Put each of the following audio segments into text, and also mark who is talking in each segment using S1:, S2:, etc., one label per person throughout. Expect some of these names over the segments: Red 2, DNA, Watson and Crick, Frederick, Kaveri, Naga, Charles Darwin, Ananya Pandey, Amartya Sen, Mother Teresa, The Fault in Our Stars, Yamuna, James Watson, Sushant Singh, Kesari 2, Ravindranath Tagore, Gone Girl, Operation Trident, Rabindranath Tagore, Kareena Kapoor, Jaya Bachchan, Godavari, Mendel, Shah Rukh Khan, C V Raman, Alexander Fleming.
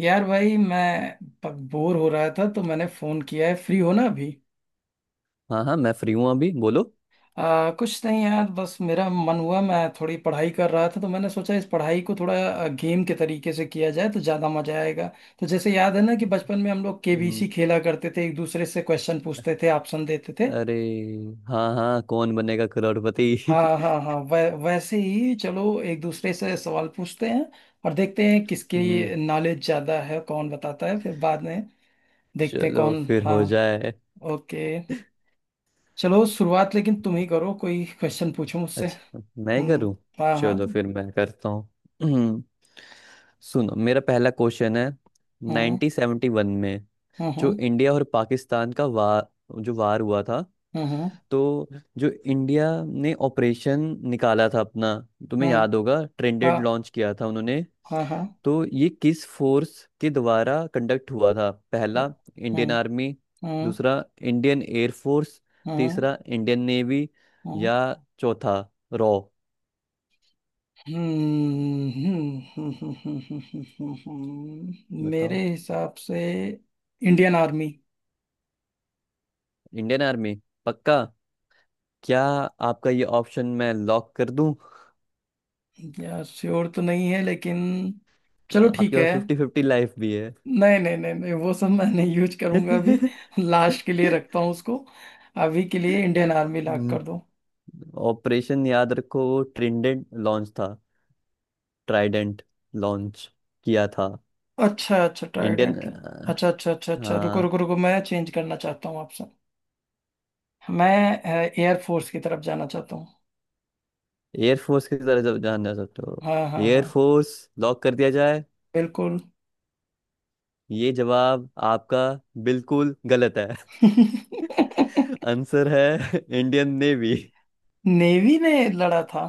S1: यार भाई, मैं बोर हो रहा था तो मैंने फोन किया है। फ्री हो ना अभी?
S2: हाँ हाँ, मैं फ्री हूँ। अभी बोलो।
S1: कुछ नहीं यार, बस मेरा मन हुआ, मैं थोड़ी पढ़ाई कर रहा था तो मैंने सोचा इस पढ़ाई को थोड़ा गेम के तरीके से किया जाए तो ज्यादा मजा आएगा। तो जैसे याद है ना कि बचपन में हम लोग
S2: हम्म,
S1: केबीसी खेला करते थे, एक दूसरे से क्वेश्चन पूछते थे, ऑप्शन देते थे।
S2: अरे, हाँ हाँ, कौन बनेगा करोड़पति।
S1: हाँ हाँ हाँ, वैसे ही चलो, एक दूसरे से सवाल पूछते हैं। और देखते हैं किसकी
S2: हम्म।
S1: नॉलेज ज्यादा है, कौन बताता है फिर बाद में। देखते हैं
S2: चलो
S1: कौन।
S2: फिर
S1: हाँ।
S2: हो जाए।
S1: ओके। चलो, शुरुआत लेकिन तुम ही करो, कोई क्वेश्चन पूछो मुझसे।
S2: अच्छा, मैं
S1: हम्म।
S2: करूँ?
S1: हाँ हाँ,
S2: चलो
S1: तुम।
S2: फिर मैं करता हूँ। हम्म, सुनो, मेरा पहला क्वेश्चन है।
S1: हम्म।
S2: 1971 में
S1: हम्म।
S2: जो
S1: हम्म।
S2: इंडिया और पाकिस्तान का वार, जो वार हुआ था
S1: हम्म।
S2: तो जो इंडिया ने ऑपरेशन निकाला था अपना, तुम्हें
S1: हम्म। हम्म।
S2: याद होगा ट्रेंडेड
S1: हाँ
S2: लॉन्च किया था उन्होंने।
S1: हाँ हाँ।
S2: तो ये किस फोर्स के द्वारा कंडक्ट हुआ था?
S1: अ,
S2: पहला इंडियन
S1: हम्म।
S2: आर्मी,
S1: हम्म।
S2: दूसरा इंडियन एयर फोर्स,
S1: हम्म।
S2: तीसरा इंडियन नेवी, या चौथा रॉ।
S1: हम्म। हम्म। हम्म। हम्म। हम्म। हम्म। हम्म। हम्म। हम्म।
S2: बताओ।
S1: मेरे हिसाब से इंडियन आर्मी।
S2: Indian army? पक्का? क्या आपका ये ऑप्शन मैं लॉक कर दूं?
S1: यार, श्योर तो नहीं है लेकिन चलो ठीक
S2: आपके
S1: है।
S2: पास फिफ्टी फिफ्टी लाइफ भी है।
S1: नहीं नहीं नहीं नहीं, वो सब मैं नहीं यूज करूंगा अभी, लास्ट के लिए रखता हूँ उसको। अभी के लिए इंडियन आर्मी लॉक कर दो।
S2: ऑपरेशन याद रखो, वो ट्रिडेंट लॉन्च था। ट्राइडेंट लॉन्च किया था।
S1: अच्छा अच्छा,
S2: इंडियन
S1: ट्राइडेंट। अच्छा अच्छा अच्छा अच्छा, रुको रुको रुको, मैं चेंज करना चाहता हूँ आपसे। मैं एयरफोर्स की तरफ जाना चाहता हूँ।
S2: एयरफोर्स की तरह जब जानना सकते हो।
S1: हाँ हाँ हाँ।
S2: एयरफोर्स लॉक कर दिया जाए?
S1: बिल्कुल।
S2: ये जवाब आपका बिल्कुल गलत है। आंसर है इंडियन नेवी।
S1: नेवी ने लड़ा था।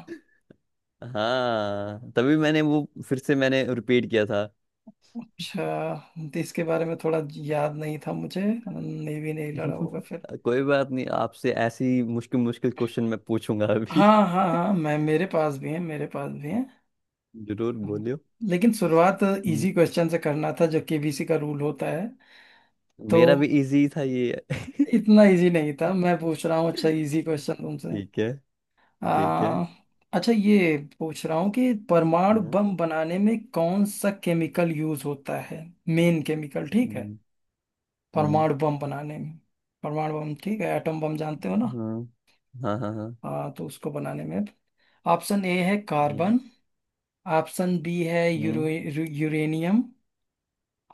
S2: हाँ, तभी मैंने वो फिर से मैंने रिपीट किया था।
S1: अच्छा, इसके बारे में थोड़ा याद नहीं था मुझे। नेवी ने ही लड़ा होगा फिर।
S2: कोई बात नहीं, आपसे ऐसी मुश्किल मुश्किल क्वेश्चन मैं पूछूंगा अभी।
S1: हाँ हाँ हाँ, मैं मेरे पास भी है, मेरे पास भी है।
S2: जरूर
S1: हाँ।
S2: बोलियो।
S1: लेकिन शुरुआत
S2: हम्म,
S1: इजी क्वेश्चन से करना था, जो केबीसी का रूल होता है। तो
S2: मेरा भी इजी था ये।
S1: इतना इजी नहीं था मैं पूछ रहा हूँ। अच्छा, इजी क्वेश्चन तुमसे।
S2: ठीक है, ठीक है।
S1: आ, अच्छा, ये पूछ रहा हूँ कि परमाणु
S2: हम्म
S1: बम बनाने में कौन सा केमिकल यूज होता है। मेन केमिकल, ठीक है?
S2: हम्म हम्म,
S1: परमाणु बम बनाने में। परमाणु बम, ठीक है? एटम बम जानते हो ना।
S2: हाँ हाँ हाँ हाँ।
S1: हाँ, तो उसको बनाने में ऑप्शन ए है
S2: हम्म
S1: कार्बन। ऑप्शन बी है यूरो
S2: हम्म,
S1: यूरेनियम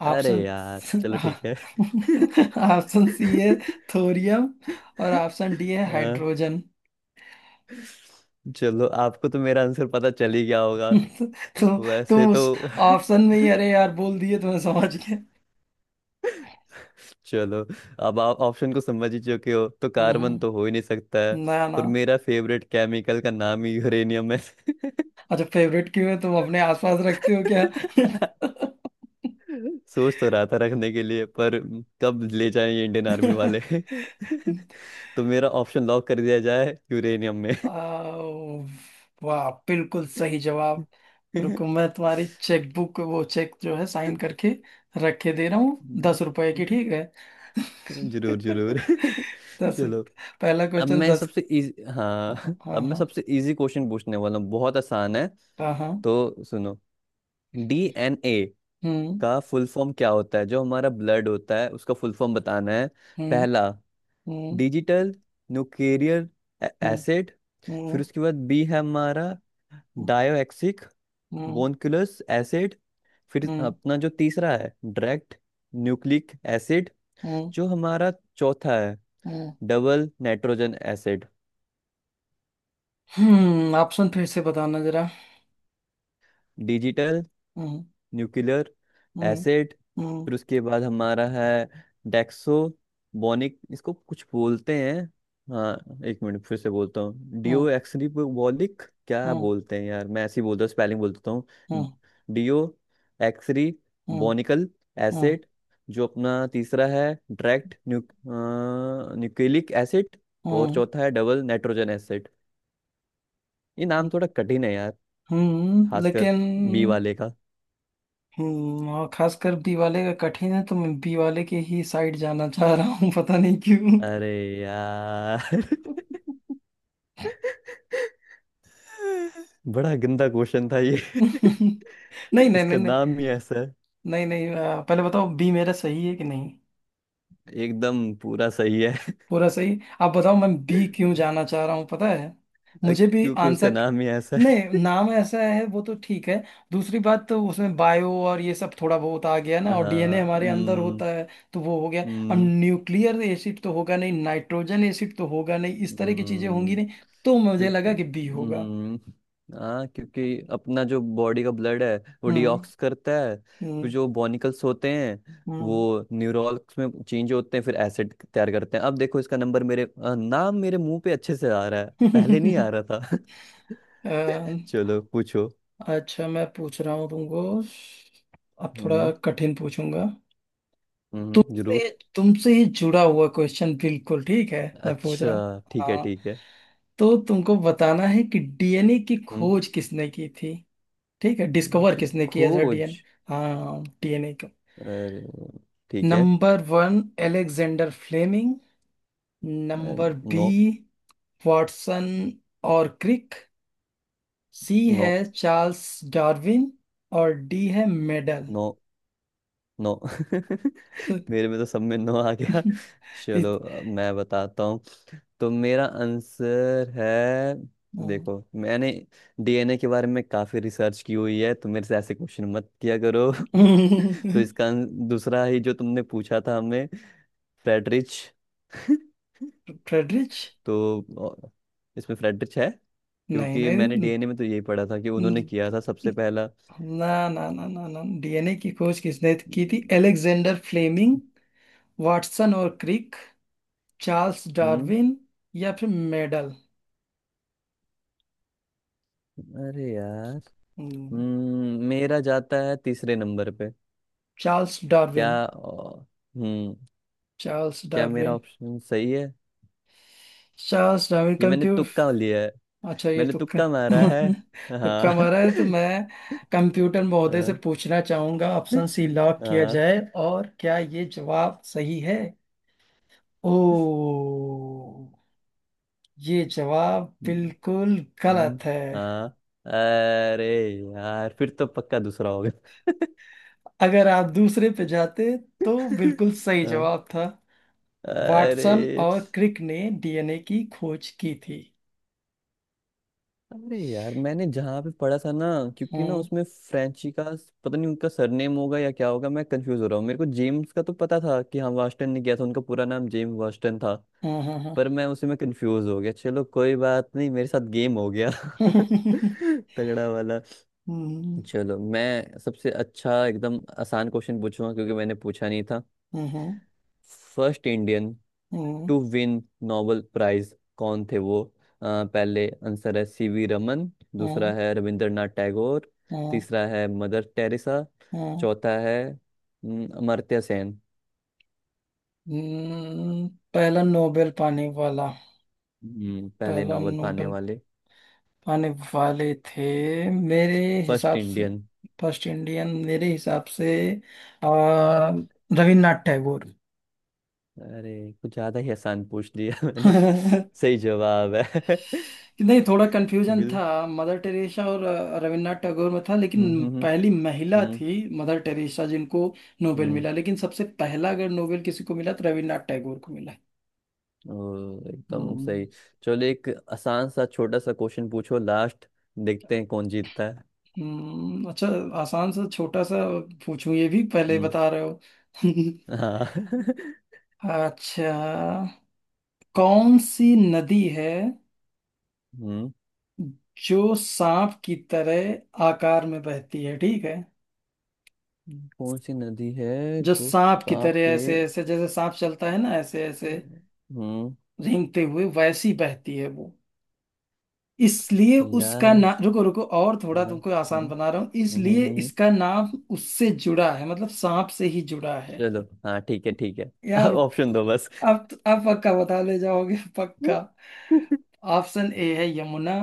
S2: अरे
S1: ऑप्शन
S2: यार, चलो ठीक है।
S1: ऑप्शन सी है थोरियम, और ऑप्शन डी है
S2: आ,
S1: हाइड्रोजन।
S2: चलो, आपको तो मेरा आंसर पता चल ही गया होगा
S1: तो
S2: वैसे
S1: तुम
S2: तो।
S1: उस ऑप्शन में ही, अरे यार, बोल दिए तो मैं समझ गया।
S2: चलो, अब आप ऑप्शन को समझ ही चुके हो तो
S1: हम्म।
S2: कार्बन तो हो ही नहीं सकता है।
S1: ना ना।
S2: और मेरा फेवरेट केमिकल का नाम ही यूरेनियम है।
S1: अच्छा, फेवरेट क्यों है? तुम अपने आसपास रखते हो क्या?
S2: सोच तो रहा था रखने के लिए, पर कब ले जाएं ये इंडियन आर्मी वाले। तो मेरा ऑप्शन लॉक कर दिया जाए यूरेनियम में।
S1: आओ, वाह, बिल्कुल सही जवाब। रुको, मैं तुम्हारी चेकबुक, वो चेक जो है, साइन करके रखे दे रहा हूँ,
S2: हम्म,
S1: 10 रुपए की। ठीक है?
S2: जरूर जरूर।
S1: दस
S2: चलो,
S1: रुप- पहला
S2: अब
S1: क्वेश्चन
S2: मैं
S1: 10।
S2: सबसे इजी, हाँ,
S1: हाँ। हाँ
S2: अब मैं
S1: हाँ।
S2: सबसे इजी क्वेश्चन पूछने वाला हूँ, बहुत आसान है।
S1: हाँ हाँ।
S2: तो सुनो, डीएनए
S1: हम्म।
S2: का फुल फॉर्म क्या होता है, जो हमारा ब्लड होता है उसका फुल फॉर्म बताना है।
S1: हम्म।
S2: पहला
S1: हम्म।
S2: Digital nuclear
S1: hmm.
S2: एसिड, फिर
S1: हम्म।
S2: उसके बाद बी है हमारा डायोक्सिक
S1: हम्म। हम्म।
S2: बोनक्यूलस एसिड, फिर
S1: हम्म।
S2: अपना जो तीसरा है डायरेक्ट न्यूक्लिक एसिड,
S1: हम्म।
S2: जो हमारा चौथा है
S1: हम्म।
S2: Double nitrogen acid.
S1: हम्म। ऑप्शन फिर से बताना जरा।
S2: Digital
S1: hmm.
S2: Nuclear
S1: hmm.
S2: Acid,
S1: हम्म।
S2: फिर उसके बाद हमारा है डेक्सो बोनिक, इसको कुछ बोलते हैं, हाँ, एक मिनट फिर से बोलता हूँ, डिओ
S1: हम्म।
S2: एक्सरीबोलिक, क्या
S1: हम्म।
S2: बोलते हैं यार, मैं ऐसे ही बोलता हूँ, स्पेलिंग बोल देता हूँ।
S1: हम्म।
S2: डिओ एक्सरी
S1: हम्म।
S2: बोनिकल एसिड, जो अपना तीसरा है डायरेक्ट न्यूक्लिक एसिड, और
S1: हम्म।
S2: चौथा है डबल नाइट्रोजन एसिड। ये
S1: हम्म।
S2: नाम थोड़ा कठिन है यार, खासकर बी
S1: लेकिन
S2: वाले का।
S1: और खासकर बी वाले का कठिन है, तो मैं बी वाले के ही साइड जाना चाह रहा हूँ, पता नहीं क्यों।
S2: अरे यार, बड़ा गंदा क्वेश्चन था ये।
S1: नहीं नहीं
S2: इसका
S1: नहीं नहीं।
S2: नाम ही ऐसा है।
S1: नहीं नहीं, पहले बताओ बी मेरा सही है कि नहीं।
S2: एकदम पूरा सही है।
S1: पूरा सही? आप बताओ, मैं बी क्यों जाना चाह रहा हूँ, पता है? मुझे भी
S2: क्योंकि उसका
S1: आंसर।
S2: नाम ही ऐसा है।
S1: नहीं, नाम ऐसा है वो तो ठीक है। दूसरी बात, तो उसमें बायो और ये सब थोड़ा बहुत आ गया ना, और डीएनए
S2: हाँ।
S1: हमारे अंदर होता है तो वो हो गया। अब
S2: हम्म,
S1: न्यूक्लियर एसिड तो होगा नहीं, नाइट्रोजन एसिड तो होगा नहीं, इस तरह की चीजें होंगी
S2: हम्म,
S1: नहीं। तो मुझे
S2: क्योंकि
S1: लगा कि बी होगा।
S2: हम्म हाँ, क्योंकि अपना जो बॉडी का ब्लड है, वो
S1: हम्म।
S2: डिऑक्स करता है, फिर
S1: हम्म।
S2: जो बॉनिकल्स होते हैं
S1: हम्म।
S2: वो न्यूरॉल्स में चेंज होते हैं, फिर एसिड तैयार करते हैं। अब देखो, इसका नंबर मेरे नाम मेरे मुंह पे अच्छे से आ रहा है, पहले नहीं आ रहा था। चलो पूछो।
S1: अच्छा, मैं पूछ रहा हूँ तुमको, अब थोड़ा
S2: हम्म
S1: कठिन पूछूंगा
S2: हम्म,
S1: तुमसे।
S2: जरूर।
S1: तुमसे ही जुड़ा हुआ क्वेश्चन, बिल्कुल ठीक है, मैं पूछ रहा हूँ।
S2: अच्छा ठीक है,
S1: हाँ,
S2: ठीक है।
S1: तो तुमको बताना है कि डीएनए की
S2: हम्म
S1: खोज किसने की थी। ठीक है? डिस्कवर
S2: उनकी
S1: किसने किया था?
S2: खोज।
S1: डीएन हाँ, डीएनए को।
S2: अरे, ठीक है।
S1: Number 1, Alexander Fleming.
S2: Uh,
S1: number B,
S2: no,
S1: Watson और क्रिक। सी है
S2: नो,
S1: चार्ल्स डार्विन, और डी है मेडल।
S2: No, no. मेरे में तो सब में नो आ गया। चलो अब मैं बताता हूँ। तो मेरा आंसर है, देखो, मैंने डीएनए के बारे में काफी रिसर्च की हुई है तो मेरे से ऐसे क्वेश्चन मत किया करो। तो इसका दूसरा ही जो तुमने पूछा था हमें, फ्रेडरिच।
S1: फ्रेडरिच?
S2: तो अ, इसमें फ्रेडरिच है, क्योंकि मैंने
S1: नहीं।
S2: डीएनए में तो यही पढ़ा था कि उन्होंने
S1: नहीं,
S2: किया था सबसे पहला।
S1: ना ना ना ना ना, डीएनए की खोज किसने की थी?
S2: हम्म
S1: एलेक्जेंडर फ्लेमिंग, वाटसन और क्रिक, चार्ल्स डार्विन, या फिर मेडल?
S2: अरे यार।
S1: हम्म,
S2: मेरा जाता है तीसरे नंबर पे।
S1: चार्ल्स
S2: क्या,
S1: डार्विन?
S2: हम्म
S1: चार्ल्स
S2: क्या मेरा
S1: डार्विन।
S2: ऑप्शन सही है?
S1: चार्ल्स डार्विन,
S2: ये मैंने तुक्का लिया
S1: कंप्यूटर।
S2: है।
S1: अच्छा, ये
S2: मैंने
S1: तुक्का
S2: तुक्का मारा है,
S1: तुक्का
S2: हाँ।
S1: मारा है तो मैं कंप्यूटर महोदय से
S2: हाँ
S1: पूछना चाहूंगा, ऑप्शन सी लॉक किया
S2: हाँ।
S1: जाए। और क्या ये जवाब सही है? ओ, ये जवाब बिल्कुल
S2: हम्म,
S1: गलत है।
S2: हाँ। अरे यार, फिर तो पक्का दूसरा होगा।
S1: अगर आप दूसरे पे जाते तो बिल्कुल सही
S2: हाँ,
S1: जवाब था।
S2: अरे,
S1: वाटसन और क्रिक ने डीएनए की खोज की थी।
S2: अरे यार, मैंने जहाँ पे पढ़ा था ना, क्योंकि ना
S1: हम्म।
S2: उसमें फ्रेंची का पता नहीं उनका सरनेम होगा या क्या होगा, मैं कंफ्यूज हो रहा हूँ। मेरे को जेम्स का तो पता था कि हाँ वास्टन ने किया था, उनका पूरा नाम जेम्स वास्टन था,
S1: हम्म।
S2: पर मैं उसी में कंफ्यूज हो गया। चलो कोई बात नहीं, मेरे साथ गेम हो गया।
S1: हम्म।
S2: तगड़ा वाला।
S1: हम्म।
S2: चलो, मैं सबसे अच्छा एकदम आसान क्वेश्चन पूछूंगा क्योंकि मैंने पूछा नहीं था।
S1: हम्म। हम्म।
S2: First Indian
S1: hmm.
S2: To win Nobel prize कौन थे वो? अ, पहले आंसर है सी वी रमन, दूसरा
S1: हम्म।
S2: है रविंद्रनाथ टैगोर,
S1: हम्म।
S2: तीसरा है मदर टेरेसा,
S1: हम्म।
S2: चौथा है अमर्त्य सेन।
S1: हम्म। पहला नोबेल पाने वाला,
S2: पहले
S1: पहला
S2: नोबेल पाने
S1: नोबेल
S2: वाले
S1: पाने वाले थे मेरे
S2: फर्स्ट
S1: हिसाब से,
S2: इंडियन।
S1: फर्स्ट इंडियन मेरे हिसाब से, आ, रविन्द्रनाथ टैगोर।
S2: अरे, कुछ ज्यादा ही आसान पूछ लिया मैंने। सही जवाब है।
S1: नहीं, थोड़ा कंफ्यूजन
S2: बिल।
S1: था मदर टेरेसा और रविन्द्रनाथ टैगोर में था।
S2: हम्म
S1: लेकिन
S2: हम्म
S1: पहली महिला
S2: हम्म
S1: थी मदर टेरेसा जिनको नोबेल
S2: हम्म,
S1: मिला, लेकिन सबसे पहला अगर नोबेल किसी को मिला तो रविन्द्रनाथ टैगोर को मिला।
S2: ओ, एकदम
S1: हम्म।
S2: सही। चलो, एक आसान सा छोटा सा क्वेश्चन पूछो लास्ट, देखते हैं कौन जीतता है।
S1: अच्छा आसान सा छोटा सा पूछूं? ये भी पहले ही
S2: हम्म
S1: बता रहे हो।
S2: हाँ।
S1: अच्छा, कौन सी नदी है
S2: हम्म
S1: जो सांप की तरह आकार में बहती है, ठीक है?
S2: कौन सी नदी है
S1: जो
S2: जो
S1: सांप की
S2: सांप
S1: तरह
S2: के?
S1: ऐसे ऐसे, जैसे सांप चलता है ना, ऐसे ऐसे
S2: हम्म
S1: रेंगते हुए वैसी बहती है वो, इसलिए
S2: यार,
S1: उसका नाम, रुको रुको, और थोड़ा
S2: हाँ।
S1: तुमको आसान
S2: हम्म,
S1: बना रहा हूँ,
S2: हम्म,
S1: इसलिए
S2: हम्म, हम्म।
S1: इसका नाम उससे जुड़ा है, मतलब सांप से ही जुड़ा है।
S2: चलो, हाँ ठीक है, ठीक है।
S1: यार,
S2: ऑप्शन दो बस।
S1: अब पक्का बता ले जाओगे, पक्का। ऑप्शन ए है यमुना,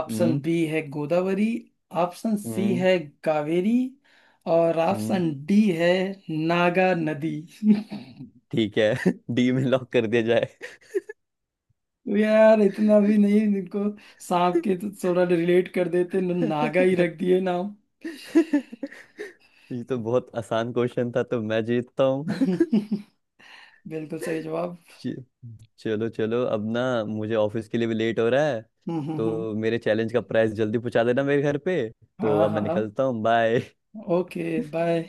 S1: ऑप्शन
S2: हम्म
S1: बी है गोदावरी, ऑप्शन सी
S2: हम्म
S1: है कावेरी, और
S2: हम्म
S1: ऑप्शन डी है नागा नदी।
S2: ठीक है। डी में लॉक कर दिया जाए।
S1: यार, इतना भी नहीं? इनको सांप के तो थोड़ा रिलेट कर देते, नागा ही रख दिए नाम।
S2: ये तो बहुत आसान क्वेश्चन था, तो मैं जीतता हूँ।
S1: बिल्कुल सही जवाब।
S2: चलो चलो, अब ना मुझे ऑफिस के लिए भी लेट हो रहा है,
S1: हम्म। हम्म। हम्म।
S2: तो मेरे चैलेंज का प्राइस जल्दी पहुंचा देना मेरे घर पे। तो
S1: हाँ
S2: अब मैं
S1: हाँ,
S2: निकलता हूँ, बाय।
S1: Okay, bye.